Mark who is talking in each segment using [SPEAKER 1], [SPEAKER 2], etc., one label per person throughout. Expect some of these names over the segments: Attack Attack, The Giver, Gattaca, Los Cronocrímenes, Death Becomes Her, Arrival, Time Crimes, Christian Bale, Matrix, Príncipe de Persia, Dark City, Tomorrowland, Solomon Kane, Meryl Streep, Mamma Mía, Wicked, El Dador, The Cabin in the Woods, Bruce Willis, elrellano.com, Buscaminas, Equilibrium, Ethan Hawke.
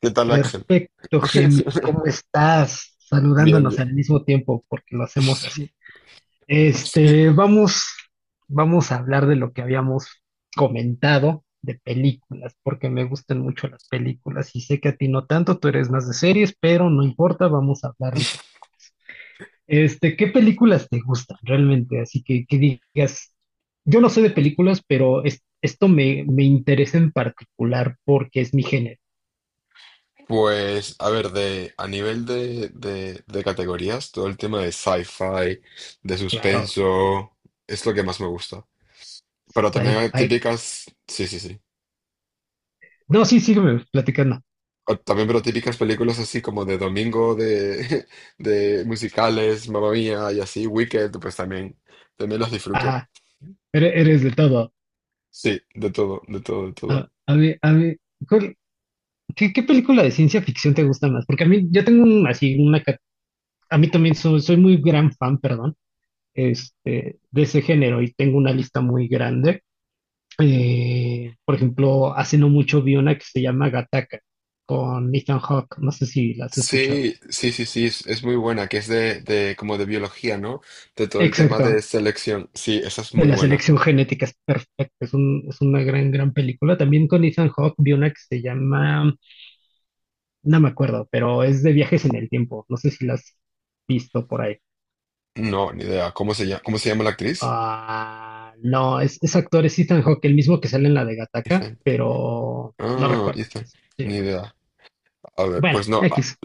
[SPEAKER 1] ¿Qué tal, Axel?
[SPEAKER 2] Perfecto, Gemil, ¿cómo estás?
[SPEAKER 1] Bien,
[SPEAKER 2] Saludándonos
[SPEAKER 1] bien.
[SPEAKER 2] al mismo tiempo porque lo hacemos así. Vamos a hablar de lo que habíamos comentado de películas, porque me gustan mucho las películas y sé que a ti no tanto, tú eres más de series, pero no importa, vamos a hablar de películas. ¿Qué películas te gustan realmente? Así que digas, yo no sé de películas, pero esto me interesa en particular porque es mi género.
[SPEAKER 1] Pues, a ver, a nivel de categorías, todo el tema de sci-fi, de
[SPEAKER 2] Claro,
[SPEAKER 1] suspenso, es lo que más me gusta. Pero también hay
[SPEAKER 2] sci-fi.
[SPEAKER 1] típicas, sí, sí, sí.
[SPEAKER 2] No, sí, sígueme platicando.
[SPEAKER 1] O también, pero típicas películas así como de domingo, de, de musicales, Mamma Mía y así, Wicked, pues también, también las disfruto.
[SPEAKER 2] Ajá, eres de todo.
[SPEAKER 1] Sí, de todo, de todo, de
[SPEAKER 2] A,
[SPEAKER 1] todo.
[SPEAKER 2] a mí, a mí, ¿cuál- ¿qué, qué película de ciencia ficción te gusta más? Porque a mí, yo tengo así una, a mí también soy, soy muy gran fan, perdón, de ese género, y tengo una lista muy grande. Por ejemplo, hace no mucho vi una que se llama Gattaca con Ethan Hawke. No sé si la has escuchado.
[SPEAKER 1] Sí, sí, sí, sí, es muy buena, que es de como de biología, ¿no? De todo el tema de
[SPEAKER 2] Exacto,
[SPEAKER 1] selección. Sí, esa es
[SPEAKER 2] de
[SPEAKER 1] muy
[SPEAKER 2] la
[SPEAKER 1] buena.
[SPEAKER 2] selección genética, es perfecta, es una gran, gran película. También con Ethan Hawke vi una que se llama, no me acuerdo, pero es de viajes en el tiempo. No sé si la has visto por ahí.
[SPEAKER 1] No, ni idea. ¿Cómo se llama? ¿Cómo se llama la actriz?
[SPEAKER 2] Ah, no, es actor, es Ethan Hawke, el mismo que sale en la de Gattaca,
[SPEAKER 1] Ethan.
[SPEAKER 2] pero no
[SPEAKER 1] Ah,
[SPEAKER 2] recuerdo
[SPEAKER 1] Ethan.
[SPEAKER 2] cómo se
[SPEAKER 1] Ni
[SPEAKER 2] llama.
[SPEAKER 1] idea. A ver,
[SPEAKER 2] Bueno,
[SPEAKER 1] pues no.
[SPEAKER 2] X.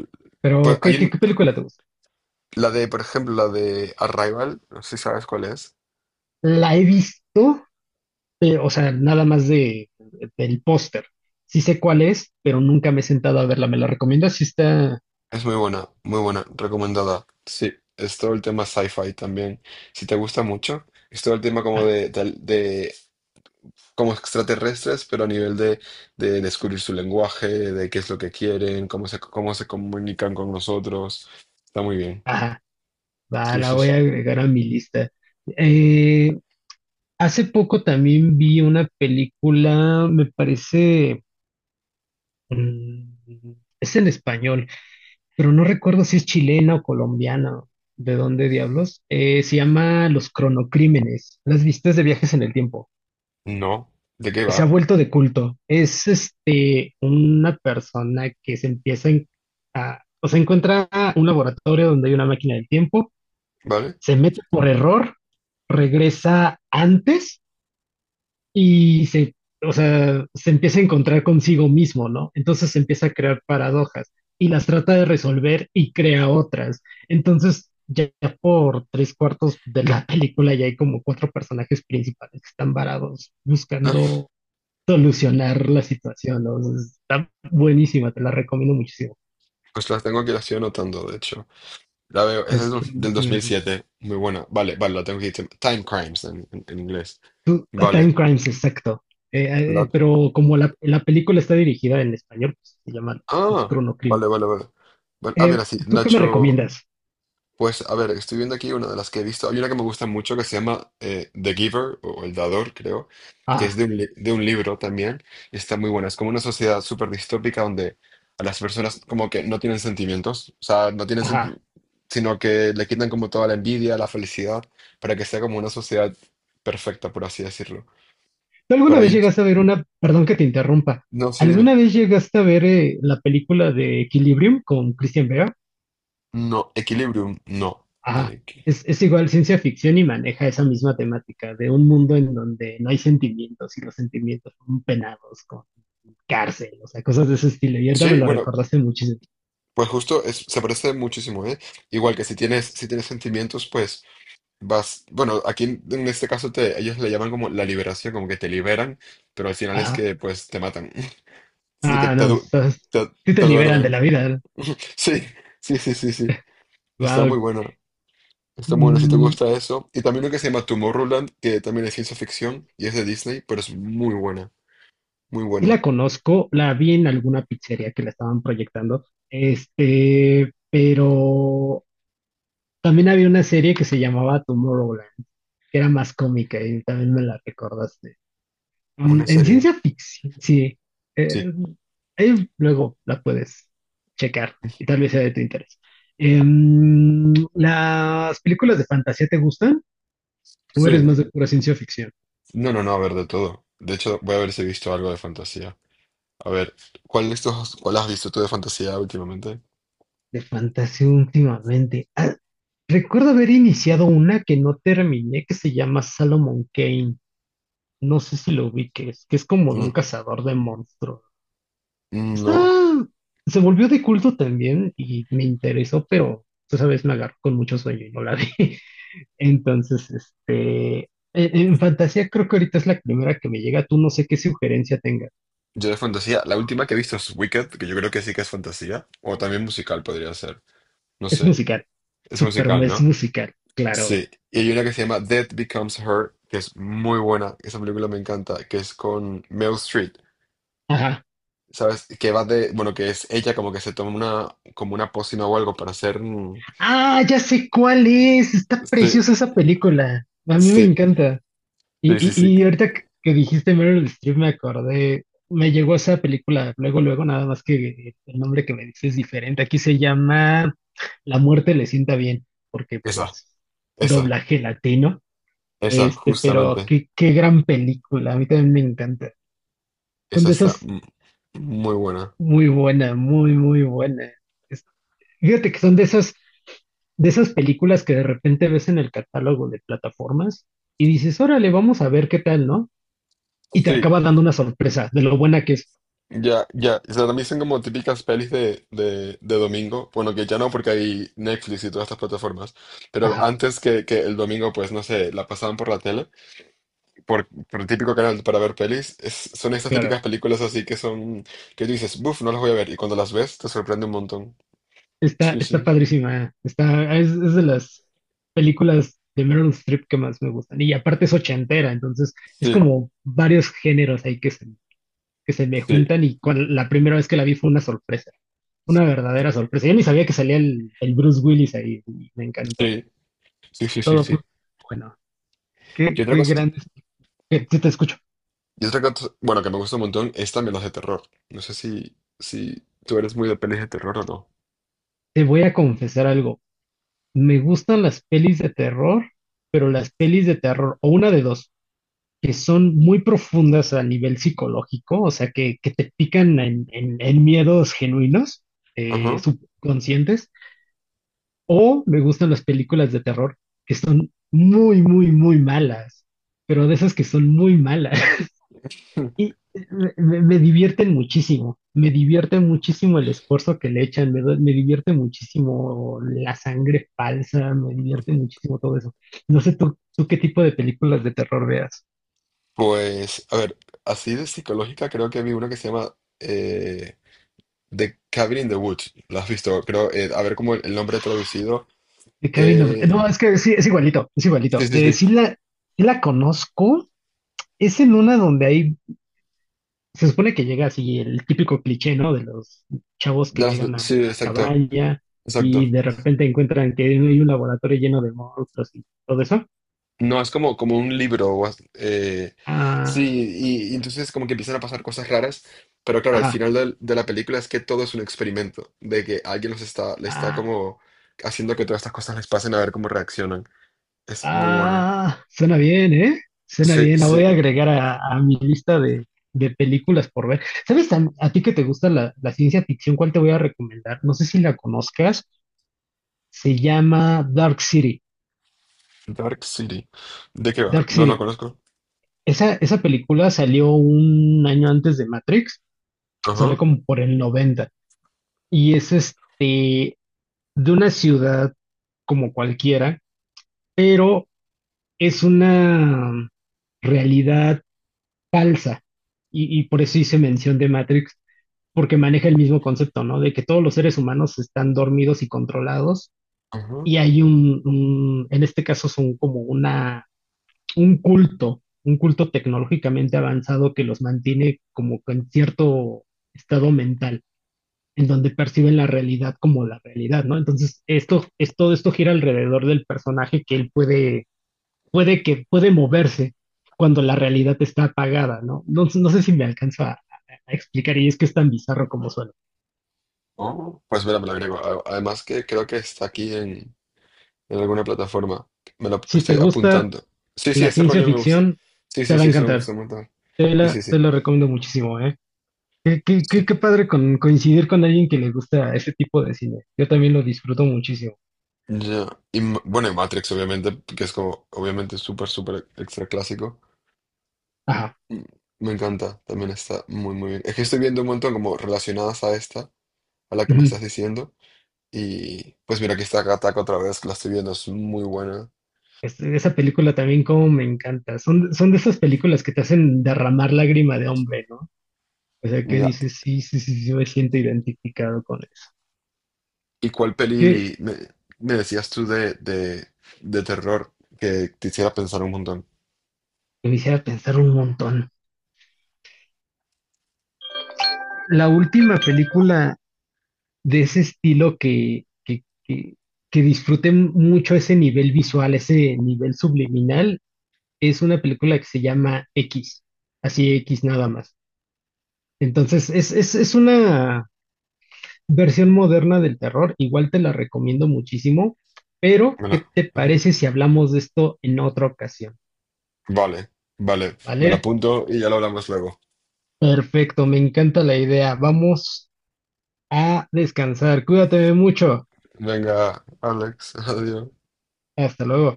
[SPEAKER 1] Pues
[SPEAKER 2] Pero, ¿qué película te gusta?
[SPEAKER 1] la de, por ejemplo, la de Arrival, no sé si sabes cuál es.
[SPEAKER 2] La he visto, pero, o sea, nada más del póster. Sí sé cuál es, pero nunca me he sentado a verla. ¿Me la recomiendas? Si está...
[SPEAKER 1] Es muy buena, recomendada. Sí, es todo el tema sci-fi también. Si te gusta mucho, es todo el tema como
[SPEAKER 2] ah,
[SPEAKER 1] de, de, como extraterrestres, pero a nivel de descubrir su lenguaje, de qué es lo que quieren, cómo se comunican con nosotros. Está muy bien.
[SPEAKER 2] ajá, va,
[SPEAKER 1] Sí,
[SPEAKER 2] la
[SPEAKER 1] sí,
[SPEAKER 2] voy
[SPEAKER 1] sí.
[SPEAKER 2] a agregar a mi lista. Eh, Hace poco también vi una película, me parece, mm, es en español, pero no recuerdo si es chilena o colombiana, de dónde diablos. Se llama Los Cronocrímenes, las vistas de viajes en el tiempo.
[SPEAKER 1] No. ¿De qué
[SPEAKER 2] Se ha
[SPEAKER 1] va?
[SPEAKER 2] vuelto de culto. Es una persona que se a, o sea, encuentra un laboratorio donde hay una máquina del tiempo,
[SPEAKER 1] ¿Vale?
[SPEAKER 2] se mete por error, regresa antes y se, o sea, se empieza a encontrar consigo mismo, ¿no? Entonces se empieza a crear paradojas y las trata de resolver y crea otras. Entonces, ya por tres cuartos de la película ya hay como cuatro personajes principales que están varados buscando solucionar la situación, ¿no? O sea, está buenísima, te la recomiendo muchísimo.
[SPEAKER 1] Ah, pues las tengo aquí, las estoy anotando, de hecho. La veo, esa es
[SPEAKER 2] Las-
[SPEAKER 1] del
[SPEAKER 2] películas-
[SPEAKER 1] 2007. Muy buena. Vale, vale, la tengo aquí. Time Crimes en, en inglés.
[SPEAKER 2] A Time
[SPEAKER 1] Vale.
[SPEAKER 2] Crimes, exacto.
[SPEAKER 1] La-
[SPEAKER 2] Pero como la película está dirigida en español, pues, se llaman los
[SPEAKER 1] Ah,
[SPEAKER 2] Chrono Crimes.
[SPEAKER 1] vale, vale, vale. Bueno, mira, sí,
[SPEAKER 2] ¿Tú qué me
[SPEAKER 1] Nacho.
[SPEAKER 2] recomiendas?
[SPEAKER 1] Pues, a ver, estoy viendo aquí una de las que he visto. Hay una que me gusta mucho que se llama The Giver o El Dador, creo, que es
[SPEAKER 2] Ajá,
[SPEAKER 1] de un, de un libro también, y está muy buena. Es como una sociedad súper distópica donde a las personas como que no tienen sentimientos, o sea, no tienen
[SPEAKER 2] ajá.
[SPEAKER 1] sen- sino que le quitan como toda la envidia, la felicidad, para que sea como una sociedad perfecta, por así decirlo.
[SPEAKER 2] ¿Tú alguna
[SPEAKER 1] Pero hay
[SPEAKER 2] vez
[SPEAKER 1] un...
[SPEAKER 2] llegaste a ver una, perdón que te interrumpa,
[SPEAKER 1] No, sí, dime.
[SPEAKER 2] ¿alguna vez llegaste a ver la película de Equilibrium con Christian Bale?
[SPEAKER 1] No, Equilibrium, no.
[SPEAKER 2] Ajá,
[SPEAKER 1] Eh, que-
[SPEAKER 2] es igual ciencia ficción y maneja esa misma temática de un mundo en donde no hay sentimientos y los sentimientos son penados con cárcel, o sea, cosas de ese estilo. Y ahorita me
[SPEAKER 1] sí,
[SPEAKER 2] lo
[SPEAKER 1] bueno,
[SPEAKER 2] recordaste muchísimo.
[SPEAKER 1] pues justo se parece muchísimo, ¿eh? Igual que si tienes, si tienes sentimientos, pues... Vas, bueno, aquí en este caso te, ellos le llaman como la liberación, como que te liberan, pero al final es
[SPEAKER 2] Ajá,
[SPEAKER 1] que pues te matan. Sí, que
[SPEAKER 2] ah,
[SPEAKER 1] te,
[SPEAKER 2] no,
[SPEAKER 1] du-
[SPEAKER 2] estás-
[SPEAKER 1] te,
[SPEAKER 2] sí te
[SPEAKER 1] te
[SPEAKER 2] liberan de
[SPEAKER 1] duermen.
[SPEAKER 2] la vida, ¿no?
[SPEAKER 1] Sí, sí, sí, sí, sí. Está muy
[SPEAKER 2] Wow.
[SPEAKER 1] bueno. Está muy bueno si te gusta eso. Y también lo que se llama Tomorrowland, que también es ciencia ficción y es de Disney, pero es muy buena, muy
[SPEAKER 2] Sí
[SPEAKER 1] buena.
[SPEAKER 2] la conozco, la vi en alguna pizzería que la estaban proyectando, este, pero también había una serie que se llamaba Tomorrowland, que era más cómica y también me la recordaste. Mm,
[SPEAKER 1] Una
[SPEAKER 2] en
[SPEAKER 1] serie.
[SPEAKER 2] ciencia ficción, sí.
[SPEAKER 1] Sí,
[SPEAKER 2] eh, Ahí luego la puedes checar y tal vez sea de tu interés. ¿Las películas de fantasía te gustan o eres
[SPEAKER 1] sí.
[SPEAKER 2] más de pura ciencia ficción?
[SPEAKER 1] No, no, no, a ver, de todo. De hecho, voy a ver si he visto algo de fantasía. A ver, ¿cuál has visto tú de fantasía últimamente?
[SPEAKER 2] De fantasía últimamente. Ah, recuerdo haber iniciado una que no terminé, que se llama Salomon Kane. No sé si lo ubiques, que es como de un
[SPEAKER 1] Mm.
[SPEAKER 2] cazador de monstruos. Está,
[SPEAKER 1] No.
[SPEAKER 2] se volvió de culto también y me interesó, pero tú sabes, me agarró con mucho sueño y no la vi. Entonces, en fantasía creo que ahorita es la primera que me llega. Tú no sé qué sugerencia tenga.
[SPEAKER 1] Yo de fantasía, la última que he visto es Wicked, que yo creo que sí que es fantasía, o también musical podría ser, no
[SPEAKER 2] Es
[SPEAKER 1] sé,
[SPEAKER 2] musical.
[SPEAKER 1] es
[SPEAKER 2] Super,
[SPEAKER 1] musical,
[SPEAKER 2] es
[SPEAKER 1] ¿no?
[SPEAKER 2] musical, claro.
[SPEAKER 1] Sí, y hay una que se llama Death Becomes Her, que es muy buena, esa película me encanta, que es con Meryl Streep,
[SPEAKER 2] Ajá.
[SPEAKER 1] ¿sabes? Que va de, bueno, que es ella como que se toma una, como una pócima o algo para hacer... mm.
[SPEAKER 2] Ah, ya sé cuál es. Está
[SPEAKER 1] Sí,
[SPEAKER 2] preciosa esa película. A mí me
[SPEAKER 1] sí,
[SPEAKER 2] encanta. Y,
[SPEAKER 1] sí, sí, sí,
[SPEAKER 2] y, y ahorita que dijiste Meryl Streep me acordé. Me llegó esa película luego, luego, nada más que el nombre que me dices es diferente. Aquí se llama La muerte le sienta bien, porque
[SPEAKER 1] esa,
[SPEAKER 2] pues
[SPEAKER 1] esa,
[SPEAKER 2] doblaje latino.
[SPEAKER 1] esa,
[SPEAKER 2] Pero
[SPEAKER 1] justamente,
[SPEAKER 2] qué, qué gran película. A mí también me encanta. Son
[SPEAKER 1] esa
[SPEAKER 2] de
[SPEAKER 1] está
[SPEAKER 2] esas
[SPEAKER 1] muy buena.
[SPEAKER 2] muy buena, muy, muy buena. Es- Fíjate que son de esas películas que de repente ves en el catálogo de plataformas y dices, órale, vamos a ver qué tal, ¿no? Y te
[SPEAKER 1] Sí,
[SPEAKER 2] acaba dando una sorpresa de lo buena que es.
[SPEAKER 1] ya, ya, o sea, también son como típicas pelis de domingo. Bueno, que ya no, porque hay Netflix y todas estas plataformas. Pero
[SPEAKER 2] Ajá,
[SPEAKER 1] antes que el domingo, pues no sé, la pasaban por la tele, por el típico canal para ver pelis. Son estas
[SPEAKER 2] claro,
[SPEAKER 1] típicas películas así que son, que tú dices, buf, no las voy a ver. Y cuando las ves, te sorprende un montón.
[SPEAKER 2] está,
[SPEAKER 1] Sí,
[SPEAKER 2] está
[SPEAKER 1] sí,
[SPEAKER 2] padrísima, eh. Está, es de las películas de Meryl Streep que más me gustan. Y aparte es ochentera, entonces es
[SPEAKER 1] sí,
[SPEAKER 2] como varios géneros ahí que que se me
[SPEAKER 1] sí,
[SPEAKER 2] juntan y la primera vez que la vi fue una sorpresa, una verdadera sorpresa. Yo ni sabía que salía el Bruce Willis ahí y me encantó.
[SPEAKER 1] sí, sí, sí, sí,
[SPEAKER 2] Todo fue
[SPEAKER 1] sí.
[SPEAKER 2] bueno. Qué,
[SPEAKER 1] Y otra
[SPEAKER 2] qué
[SPEAKER 1] cosa,
[SPEAKER 2] grandes. Sí te escucho.
[SPEAKER 1] y otra cosa, bueno, que me gusta un montón es también las de terror. No sé si, si tú eres muy de pelis de terror o no.
[SPEAKER 2] Te voy a confesar algo. Me gustan las pelis de terror, pero las pelis de terror, o una de dos, que son muy profundas a nivel psicológico, o sea, que te pican en miedos genuinos,
[SPEAKER 1] Ajá.
[SPEAKER 2] subconscientes, o me gustan las películas de terror que son muy, muy, muy malas, pero de esas que son muy malas. Y Me divierten muchísimo, me divierte muchísimo el esfuerzo que le echan, me divierte muchísimo la sangre falsa, me divierte muchísimo todo eso. No sé tú, tú qué tipo de películas de terror veas.
[SPEAKER 1] Pues, a ver, así de psicológica creo que vi una que se llama The Cabin in the Woods. ¿La has visto? Creo, a ver cómo el nombre traducido.
[SPEAKER 2] The Cabin of-
[SPEAKER 1] eh,
[SPEAKER 2] No, es que sí, es igualito, es
[SPEAKER 1] sí,
[SPEAKER 2] igualito.
[SPEAKER 1] sí, sí.
[SPEAKER 2] Sí la, sí la conozco, es en una donde hay, se supone que llega así el típico cliché, ¿no? De los chavos que llegan a una
[SPEAKER 1] Sí, exacto,
[SPEAKER 2] cabaña y
[SPEAKER 1] exacto.
[SPEAKER 2] de repente encuentran que hay un laboratorio lleno de monstruos y todo eso.
[SPEAKER 1] No, es como, como un libro. Sí,
[SPEAKER 2] Ah,
[SPEAKER 1] y entonces como que empiezan a pasar cosas raras. Pero claro, al
[SPEAKER 2] ajá.
[SPEAKER 1] final de la película es que todo es un experimento. De que alguien los está, le está
[SPEAKER 2] Ah,
[SPEAKER 1] como haciendo que todas estas cosas les pasen a ver cómo reaccionan. Es muy bueno.
[SPEAKER 2] ah, suena bien, ¿eh? Suena
[SPEAKER 1] Sí,
[SPEAKER 2] bien. La
[SPEAKER 1] sí.
[SPEAKER 2] voy a agregar a mi lista de películas por ver. ¿Sabes a ti que te gusta la ciencia ficción? ¿Cuál te voy a recomendar? No sé si la conozcas. Se llama Dark City.
[SPEAKER 1] Dark City. ¿De qué va?
[SPEAKER 2] Dark
[SPEAKER 1] No, no
[SPEAKER 2] City.
[SPEAKER 1] conozco.
[SPEAKER 2] Esa película salió un año antes de Matrix.
[SPEAKER 1] Ajá,
[SPEAKER 2] Salió como por el 90, y es de una ciudad como cualquiera, pero es una realidad falsa. Y por eso hice mención de Matrix, porque maneja el mismo concepto, ¿no? De que todos los seres humanos están dormidos y controlados,
[SPEAKER 1] ajá.
[SPEAKER 2] y hay un, en este caso son como una, un culto tecnológicamente avanzado que los mantiene como en cierto estado mental, en donde perciben la realidad como la realidad, ¿no? Entonces, esto, es, todo esto gira alrededor del personaje que él puede, puede que puede moverse cuando la realidad está apagada, ¿no? No, no sé si me alcanzo a explicar, y es que es tan bizarro como suena.
[SPEAKER 1] Oh, pues mira, me lo agrego. Además que creo que está aquí en alguna plataforma. Me lo
[SPEAKER 2] Si te
[SPEAKER 1] estoy
[SPEAKER 2] gusta
[SPEAKER 1] apuntando. Sí, sí,
[SPEAKER 2] la
[SPEAKER 1] ese
[SPEAKER 2] ciencia
[SPEAKER 1] rollo me gusta.
[SPEAKER 2] ficción,
[SPEAKER 1] Sí,
[SPEAKER 2] te
[SPEAKER 1] sí,
[SPEAKER 2] va a
[SPEAKER 1] sí, eso me
[SPEAKER 2] encantar.
[SPEAKER 1] gusta un montón. Sí, sí, sí.
[SPEAKER 2] Te lo recomiendo muchísimo, ¿eh?
[SPEAKER 1] Sí.
[SPEAKER 2] Qué padre coincidir con alguien que le gusta ese tipo de cine. Yo también lo disfruto muchísimo.
[SPEAKER 1] Ya. Bueno, y Matrix, obviamente, que es como, obviamente, súper, súper extra clásico.
[SPEAKER 2] Ajá,
[SPEAKER 1] Mm, me encanta, también está muy, muy bien. Es que estoy viendo un montón como relacionadas a esta, a la que me
[SPEAKER 2] ujú.
[SPEAKER 1] estás diciendo. Y pues mira, aquí está Attack Attack otra vez, la estoy viendo, es muy buena.
[SPEAKER 2] Esa película también como me encanta. Son, son de esas películas que te hacen derramar lágrima de hombre, ¿no? O sea, que
[SPEAKER 1] La-
[SPEAKER 2] dices, sí, sí, sí, sí, me siento identificado con eso.
[SPEAKER 1] ¿Y cuál peli me, me decías tú de terror que te hiciera pensar un montón?
[SPEAKER 2] Me hiciera pensar un montón. La última película de ese estilo que disfruté mucho ese nivel visual, ese nivel subliminal, es una película que se llama X, así X nada más. Entonces, es una versión moderna del terror, igual te la recomiendo muchísimo, pero
[SPEAKER 1] Me la-
[SPEAKER 2] ¿qué te parece si hablamos de esto en otra ocasión?
[SPEAKER 1] vale, vale, me la
[SPEAKER 2] ¿Vale?
[SPEAKER 1] apunto y ya lo hablamos luego.
[SPEAKER 2] Perfecto, me encanta la idea. Vamos a descansar. Cuídate mucho.
[SPEAKER 1] Venga, Alex, adiós.
[SPEAKER 2] Hasta luego.